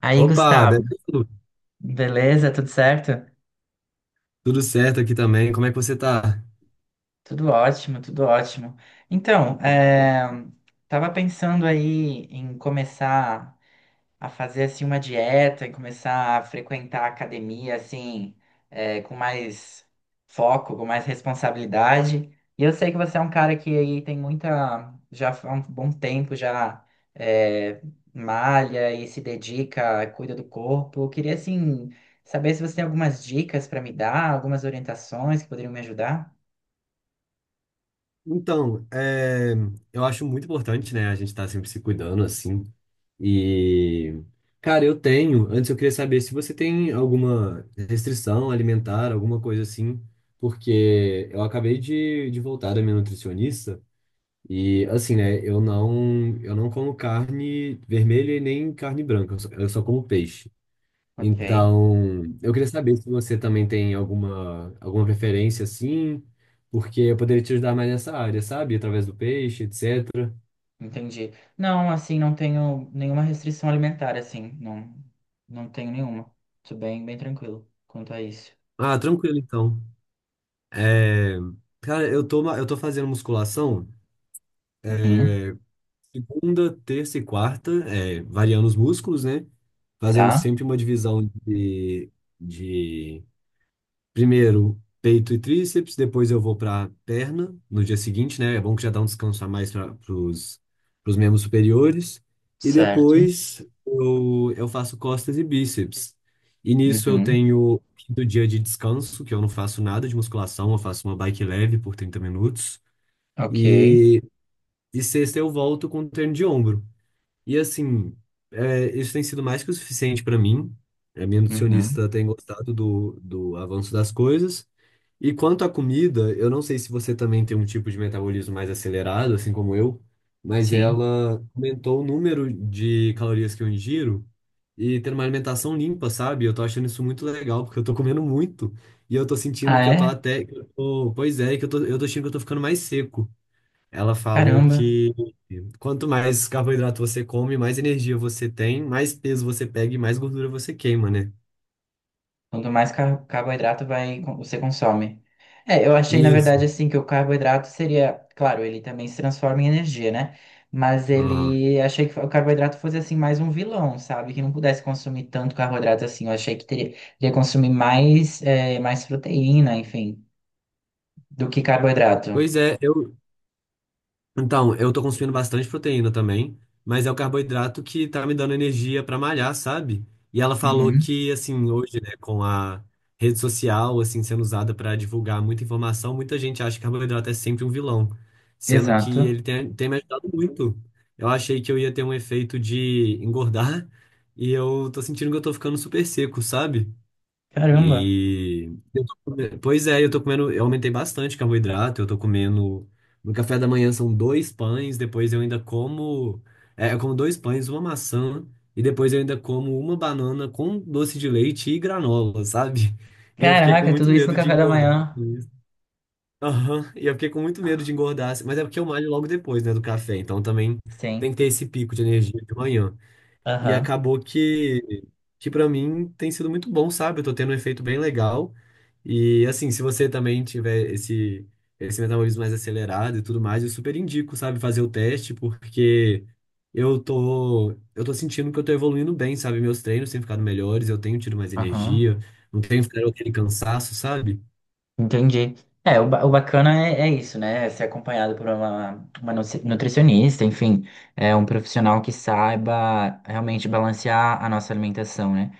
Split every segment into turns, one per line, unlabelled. Aí,
Opa,
Gustavo,
beleza?
beleza? Tudo certo?
Tudo certo aqui também. Como é que você tá?
Tudo ótimo, tudo ótimo. Então, é, tava pensando aí em começar a fazer assim uma dieta e começar a frequentar a academia assim, com mais foco, com mais responsabilidade. E eu sei que você é um cara que aí tem muita, já há um bom tempo já é, malha e se dedica, cuida do corpo. Eu queria assim saber se você tem algumas dicas para me dar, algumas orientações que poderiam me ajudar.
Então, eu acho muito importante, né, a gente estar sempre se cuidando assim. E, cara, eu tenho. Antes eu queria saber se você tem alguma restrição alimentar, alguma coisa assim, porque eu acabei de voltar da minha nutricionista e, assim, né, eu não como carne vermelha e nem carne branca, eu só como peixe.
Ok.
Então, eu queria saber se você também tem alguma preferência assim, porque eu poderia te ajudar mais nessa área, sabe? Através do peixe, etc.
Entendi. Não, assim, não tenho nenhuma restrição alimentar, assim, não, não tenho nenhuma. Tô bem, bem tranquilo quanto a isso.
Ah, tranquilo então. É, Cara, eu tô fazendo musculação
Uhum,
segunda, terça e quarta, variando os músculos, né? Fazendo
tá,
sempre uma divisão de. Primeiro, peito e tríceps, depois eu vou para perna no dia seguinte, né? É bom que já dá um descanso a mais para os membros superiores. E
certo.
depois eu faço costas e bíceps. E nisso eu
Uhum,
tenho do dia de descanso, que eu não faço nada de musculação, eu faço uma bike leve por 30 minutos.
ok.
E, e sexta eu volto com um treino de ombro. E assim, é, isso tem sido mais que o suficiente para mim. A minha
Uhum,
nutricionista tem gostado do avanço das coisas. E quanto à comida, eu não sei se você também tem um tipo de metabolismo mais acelerado, assim como eu, mas
sim.
ela aumentou o número de calorias que eu ingiro e ter uma alimentação limpa, sabe? Eu tô achando isso muito legal, porque eu tô comendo muito e eu tô sentindo
Ah,
que eu tô
é?
até. Que eu tô- pois é, que eu tô achando que eu tô ficando mais seco. Ela falou
Caramba.
que quanto mais carboidrato você come, mais energia você tem, mais peso você pega e mais gordura você queima, né?
Quanto mais carboidrato vai, você consome. É, eu achei, na
Isso.
verdade, assim, que o carboidrato seria, claro, ele também se transforma em energia, né? Mas
Aham.
ele achei que o carboidrato fosse assim mais um vilão, sabe? Que não pudesse consumir tanto carboidrato assim. Eu achei que teria que consumir mais, é, mais proteína, enfim, do que carboidrato.
Pois é, então, eu tô consumindo bastante proteína também, mas é o carboidrato que tá me dando energia pra malhar, sabe? E ela falou
Uhum,
que, assim, hoje, né, com a rede social, assim, sendo usada pra divulgar muita informação, muita gente acha que carboidrato é sempre um vilão, sendo que
exato.
ele tem me ajudado muito. Eu achei que eu ia ter um efeito de engordar e eu tô sentindo que eu tô ficando super seco, sabe?
Caramba.
E pois é, eu tô comendo, eu aumentei bastante carboidrato, eu tô comendo no café da manhã são dois pães, depois eu ainda como, eu como dois pães, uma maçã e depois eu ainda como uma banana com doce de leite e granola, sabe? E eu fiquei com
Caraca,
muito
tudo isso no
medo de
café da
engordar
manhã.
com isso. Aham. E eu fiquei com muito medo de engordar, mas é porque eu malho logo depois, né, do café, então também tem
Sim.
que ter esse pico de energia de manhã. E
Aham.
acabou que para mim tem sido muito bom, sabe? Eu tô tendo um efeito bem legal. E assim, se você também tiver esse, esse metabolismo mais acelerado e tudo mais, eu super indico, sabe, fazer o teste, porque eu tô sentindo que eu tô evoluindo bem, sabe? Meus treinos têm ficado melhores, eu tenho tido mais
Aham.
energia, não tenho ficado aquele cansaço, sabe?
Entendi. É, o bacana é, é isso, né? É Ser acompanhado por uma nutricionista, enfim, é um profissional que saiba realmente balancear a nossa alimentação, né?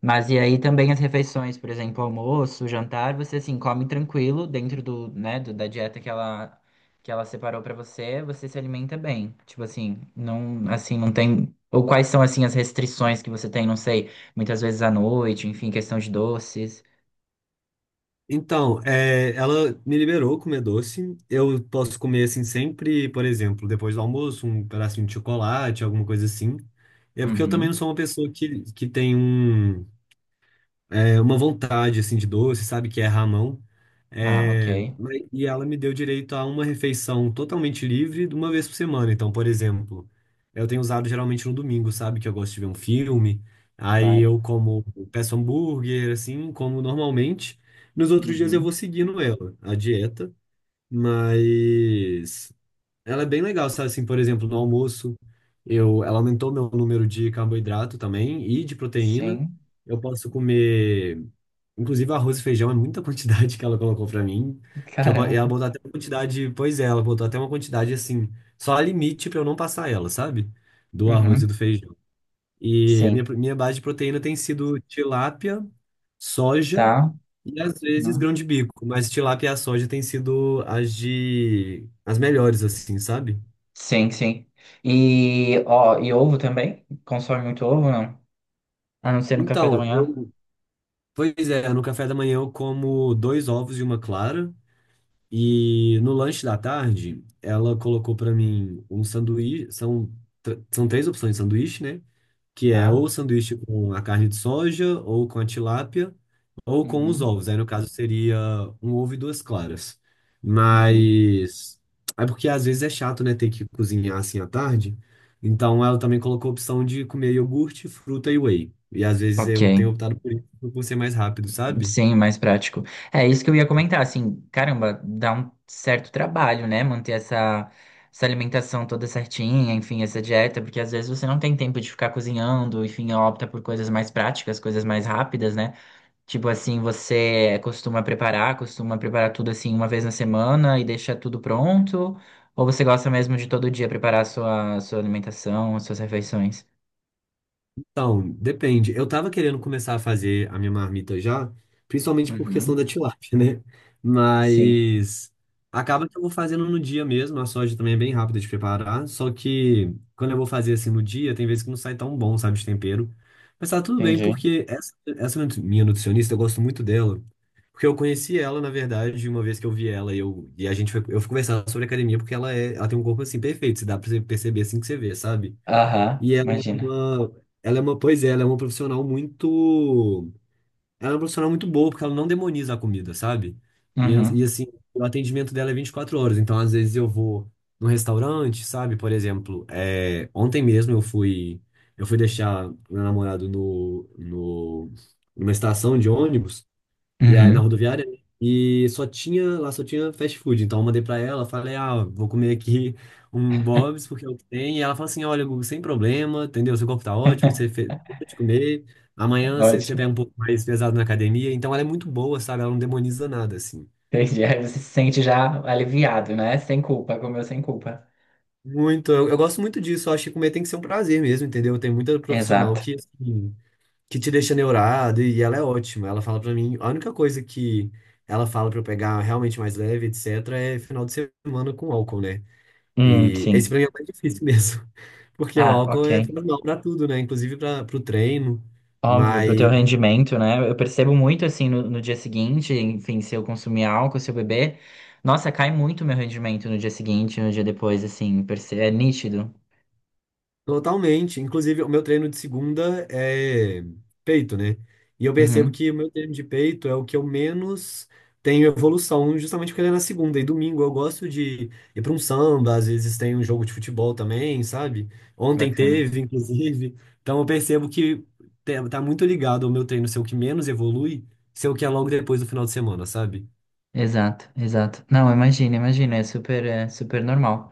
Mas e aí também as refeições, por exemplo, almoço, jantar, você assim come tranquilo dentro do, né, da dieta que ela separou pra você, você se alimenta bem. Tipo assim não tem ou quais são assim as restrições que você tem, não sei, muitas vezes à noite, enfim, questão de doces.
Então, é, ela me liberou comer doce. Eu posso comer assim sempre, por exemplo, depois do almoço, um pedacinho de chocolate, alguma coisa assim. É porque eu também não
Uhum.
sou uma pessoa que tem uma vontade assim de doce, sabe, que é ramão.
Ah, ok.
E ela me deu direito a uma refeição totalmente livre de uma vez por semana. Então, por exemplo, eu tenho usado geralmente no domingo, sabe, que eu gosto de ver um filme. Aí eu como, peço hambúrguer, assim, como normalmente. Nos outros dias eu vou
Uhum.
seguindo ela, a dieta, mas ela é bem legal, sabe? Assim, por exemplo, no almoço, ela aumentou meu número de carboidrato também e de proteína.
Sim.
Eu posso comer. Inclusive, arroz e feijão é muita quantidade que ela colocou pra mim. Ela
Caramba.
botou até uma quantidade. Pois é, ela botou até uma quantidade assim. Só a limite pra eu não passar ela, sabe? Do arroz e
Uhum.
do feijão. E a
Sim.
minha base de proteína tem sido tilápia, soja
Tá.
e às vezes
Uhum.
grão de bico. Mas tilápia e a soja têm sido as de. As melhores, assim, sabe?
Sim, sim. E, ó, e ovo também? Consome muito ovo, não? A não ser no café da
Então,
manhã?
eu. Pois é, no café da manhã eu como dois ovos e uma clara. E no lanche da tarde, ela colocou pra mim um sanduíche. São três opções de sanduíche, né? Que é
Tá.
ou sanduíche com a carne de soja, ou com a tilápia, ou com os
Uhum.
ovos. Aí, no caso, seria um ovo e duas claras.
Uhum.
Mas. É porque às vezes é chato, né? Ter que cozinhar assim à tarde. Então, ela também colocou a opção de comer iogurte, fruta e whey. E às vezes
Ok.
eu tenho optado por isso por ser mais rápido, sabe?
Sim, mais prático. É isso que eu ia comentar, assim, caramba, dá um certo trabalho, né? Manter essa, essa alimentação toda certinha, enfim, essa dieta, porque às vezes você não tem tempo de ficar cozinhando, enfim, opta por coisas mais práticas, coisas mais rápidas, né? Tipo assim, você costuma preparar tudo assim uma vez na semana e deixa tudo pronto? Ou você gosta mesmo de todo dia preparar a sua, sua alimentação, as suas refeições?
Então, depende. Eu tava querendo começar a fazer a minha marmita já, principalmente por questão
Uhum.
da tilápia, né?
Sim,
Mas acaba que eu vou fazendo no dia mesmo. A soja também é bem rápida de preparar. Só que quando eu vou fazer assim no dia, tem vezes que não sai tão bom, sabe, de tempero. Mas tá tudo bem,
entendi.
porque essa minha nutricionista, eu gosto muito dela. Porque eu conheci ela, na verdade, uma vez que eu vi ela e, e a gente foi, eu fui conversar sobre academia, porque ela, é, ela tem um corpo assim perfeito. Se dá pra você perceber assim que você vê, sabe?
Aham,
E
imagina.
ela é uma, pois é, ela é uma profissional muito, ela é uma profissional muito boa, porque ela não demoniza a comida, sabe? E, an-
Uhum.
e assim, o atendimento dela é 24 horas, então às vezes eu vou num restaurante, sabe? Por exemplo, é, ontem mesmo eu fui deixar meu namorado no, no, numa estação de ônibus, e aí, na
Uhum.
rodoviária, né? E só tinha, lá só tinha fast food. Então eu mandei pra ela, falei, ah, vou comer aqui um Bob's, porque é o que tem. E ela falou assim, olha, Gugu, sem problema, entendeu? Seu corpo tá ótimo, você fez de comer. Amanhã você
Ótimo.
pega um pouco mais pesado na academia. Então ela é muito boa, sabe? Ela não demoniza nada, assim.
Entendi. Aí você se sente já aliviado, né? Sem culpa, comeu sem culpa.
Muito, eu gosto muito disso. Eu acho que comer tem que ser um prazer mesmo, entendeu? Tem muita profissional
Exato.
que, assim, que te deixa neurado e ela é ótima. Ela fala pra mim, a única coisa que ela fala pra eu pegar realmente mais leve, etc, é final de semana com álcool, né? E esse
Sim.
pra mim é o mais difícil mesmo, porque o
Ah,
álcool
ok.
faz mal pra tudo, né? Inclusive para pro treino.
Óbvio, pro teu rendimento, né? Eu percebo muito assim no, no dia seguinte, enfim, se eu consumir álcool, se eu beber, nossa, cai muito meu rendimento no dia seguinte, no dia depois, assim, é nítido.
Totalmente. Inclusive, o meu treino de segunda é peito, né? E eu percebo
Uhum,
que o meu treino de peito é o que eu menos tenho evolução, justamente porque ele é na segunda. E domingo eu gosto de ir para um samba, às vezes tem um jogo de futebol também, sabe? Ontem
bacana.
teve, inclusive. Então eu percebo que tá muito ligado ao meu treino ser o que menos evolui, ser o que é logo depois do final de semana, sabe?
Exato, exato. Não, imagina, imagina, é super normal.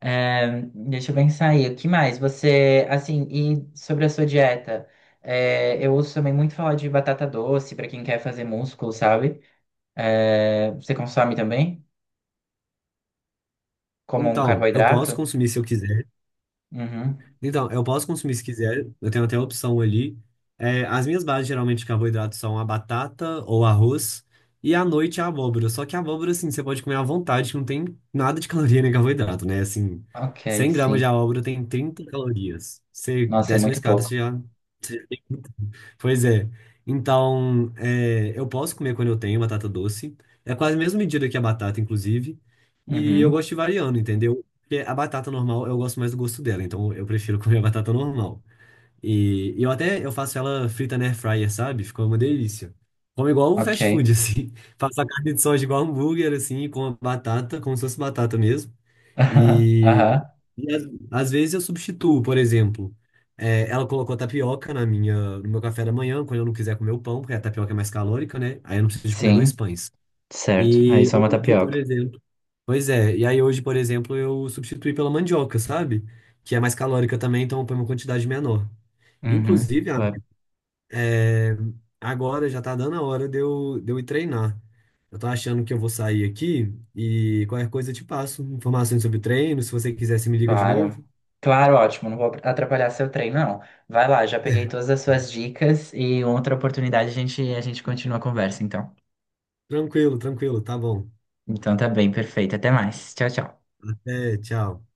É, deixa eu pensar aí, o que mais? Você, assim, e sobre a sua dieta, é, eu ouço também muito falar de batata doce pra quem quer fazer músculo, sabe? É, você consome também? Como um
Então, eu posso
carboidrato?
consumir se eu quiser.
Uhum.
Então, eu posso consumir se quiser, eu tenho até a opção ali. É, as minhas bases geralmente de carboidrato são a batata ou arroz, e à noite a abóbora. Só que a abóbora, assim, você pode comer à vontade, que não tem nada de caloria nem carboidrato, né? Assim,
Ok,
100 gramas
sim.
de abóbora tem 30 calorias. Você
Nossa, é
desce uma
muito
escada,
pouco.
você já. Pois é. Então, é, eu posso comer quando eu tenho batata doce. É quase a mesma medida que a batata, inclusive. E eu
Uhum.
gosto de ir variando, entendeu? Porque a batata normal, eu gosto mais do gosto dela. Então, eu prefiro comer a batata normal. E eu até eu faço ela frita na air fryer, sabe? Fica uma delícia. Como igual o
Ok.
fast food, assim. Faço a carne de soja igual hambúrguer, assim, com a batata, como se fosse batata mesmo.
Aham. Aham.
E às, às vezes eu substituo, por exemplo, é, ela colocou tapioca na minha, no meu café da manhã, quando eu não quiser comer o pão, porque a tapioca é mais calórica, né? Aí eu não preciso de comer dois
Sim,
pães.
certo. Aí
E
só uma
hoje, por
tapioca.
exemplo. Pois é, e aí hoje, por exemplo, eu substituí pela mandioca, sabe? Que é mais calórica também, então eu ponho uma quantidade menor.
Uhum.
Inclusive,
Claro.
amigo, é, agora já tá dando a hora de eu ir treinar. Eu tô achando que eu vou sair aqui e qualquer coisa eu te passo informações sobre treino, se você quiser, você me liga de
Claro,
novo.
Claro, ótimo. Não vou atrapalhar seu treino, não. Vai lá, já peguei todas as suas dicas e outra oportunidade a gente continua a conversa, então.
Tranquilo, tranquilo, tá bom.
Então tá bem, perfeito. Até mais. Tchau, tchau.
Até, tchau.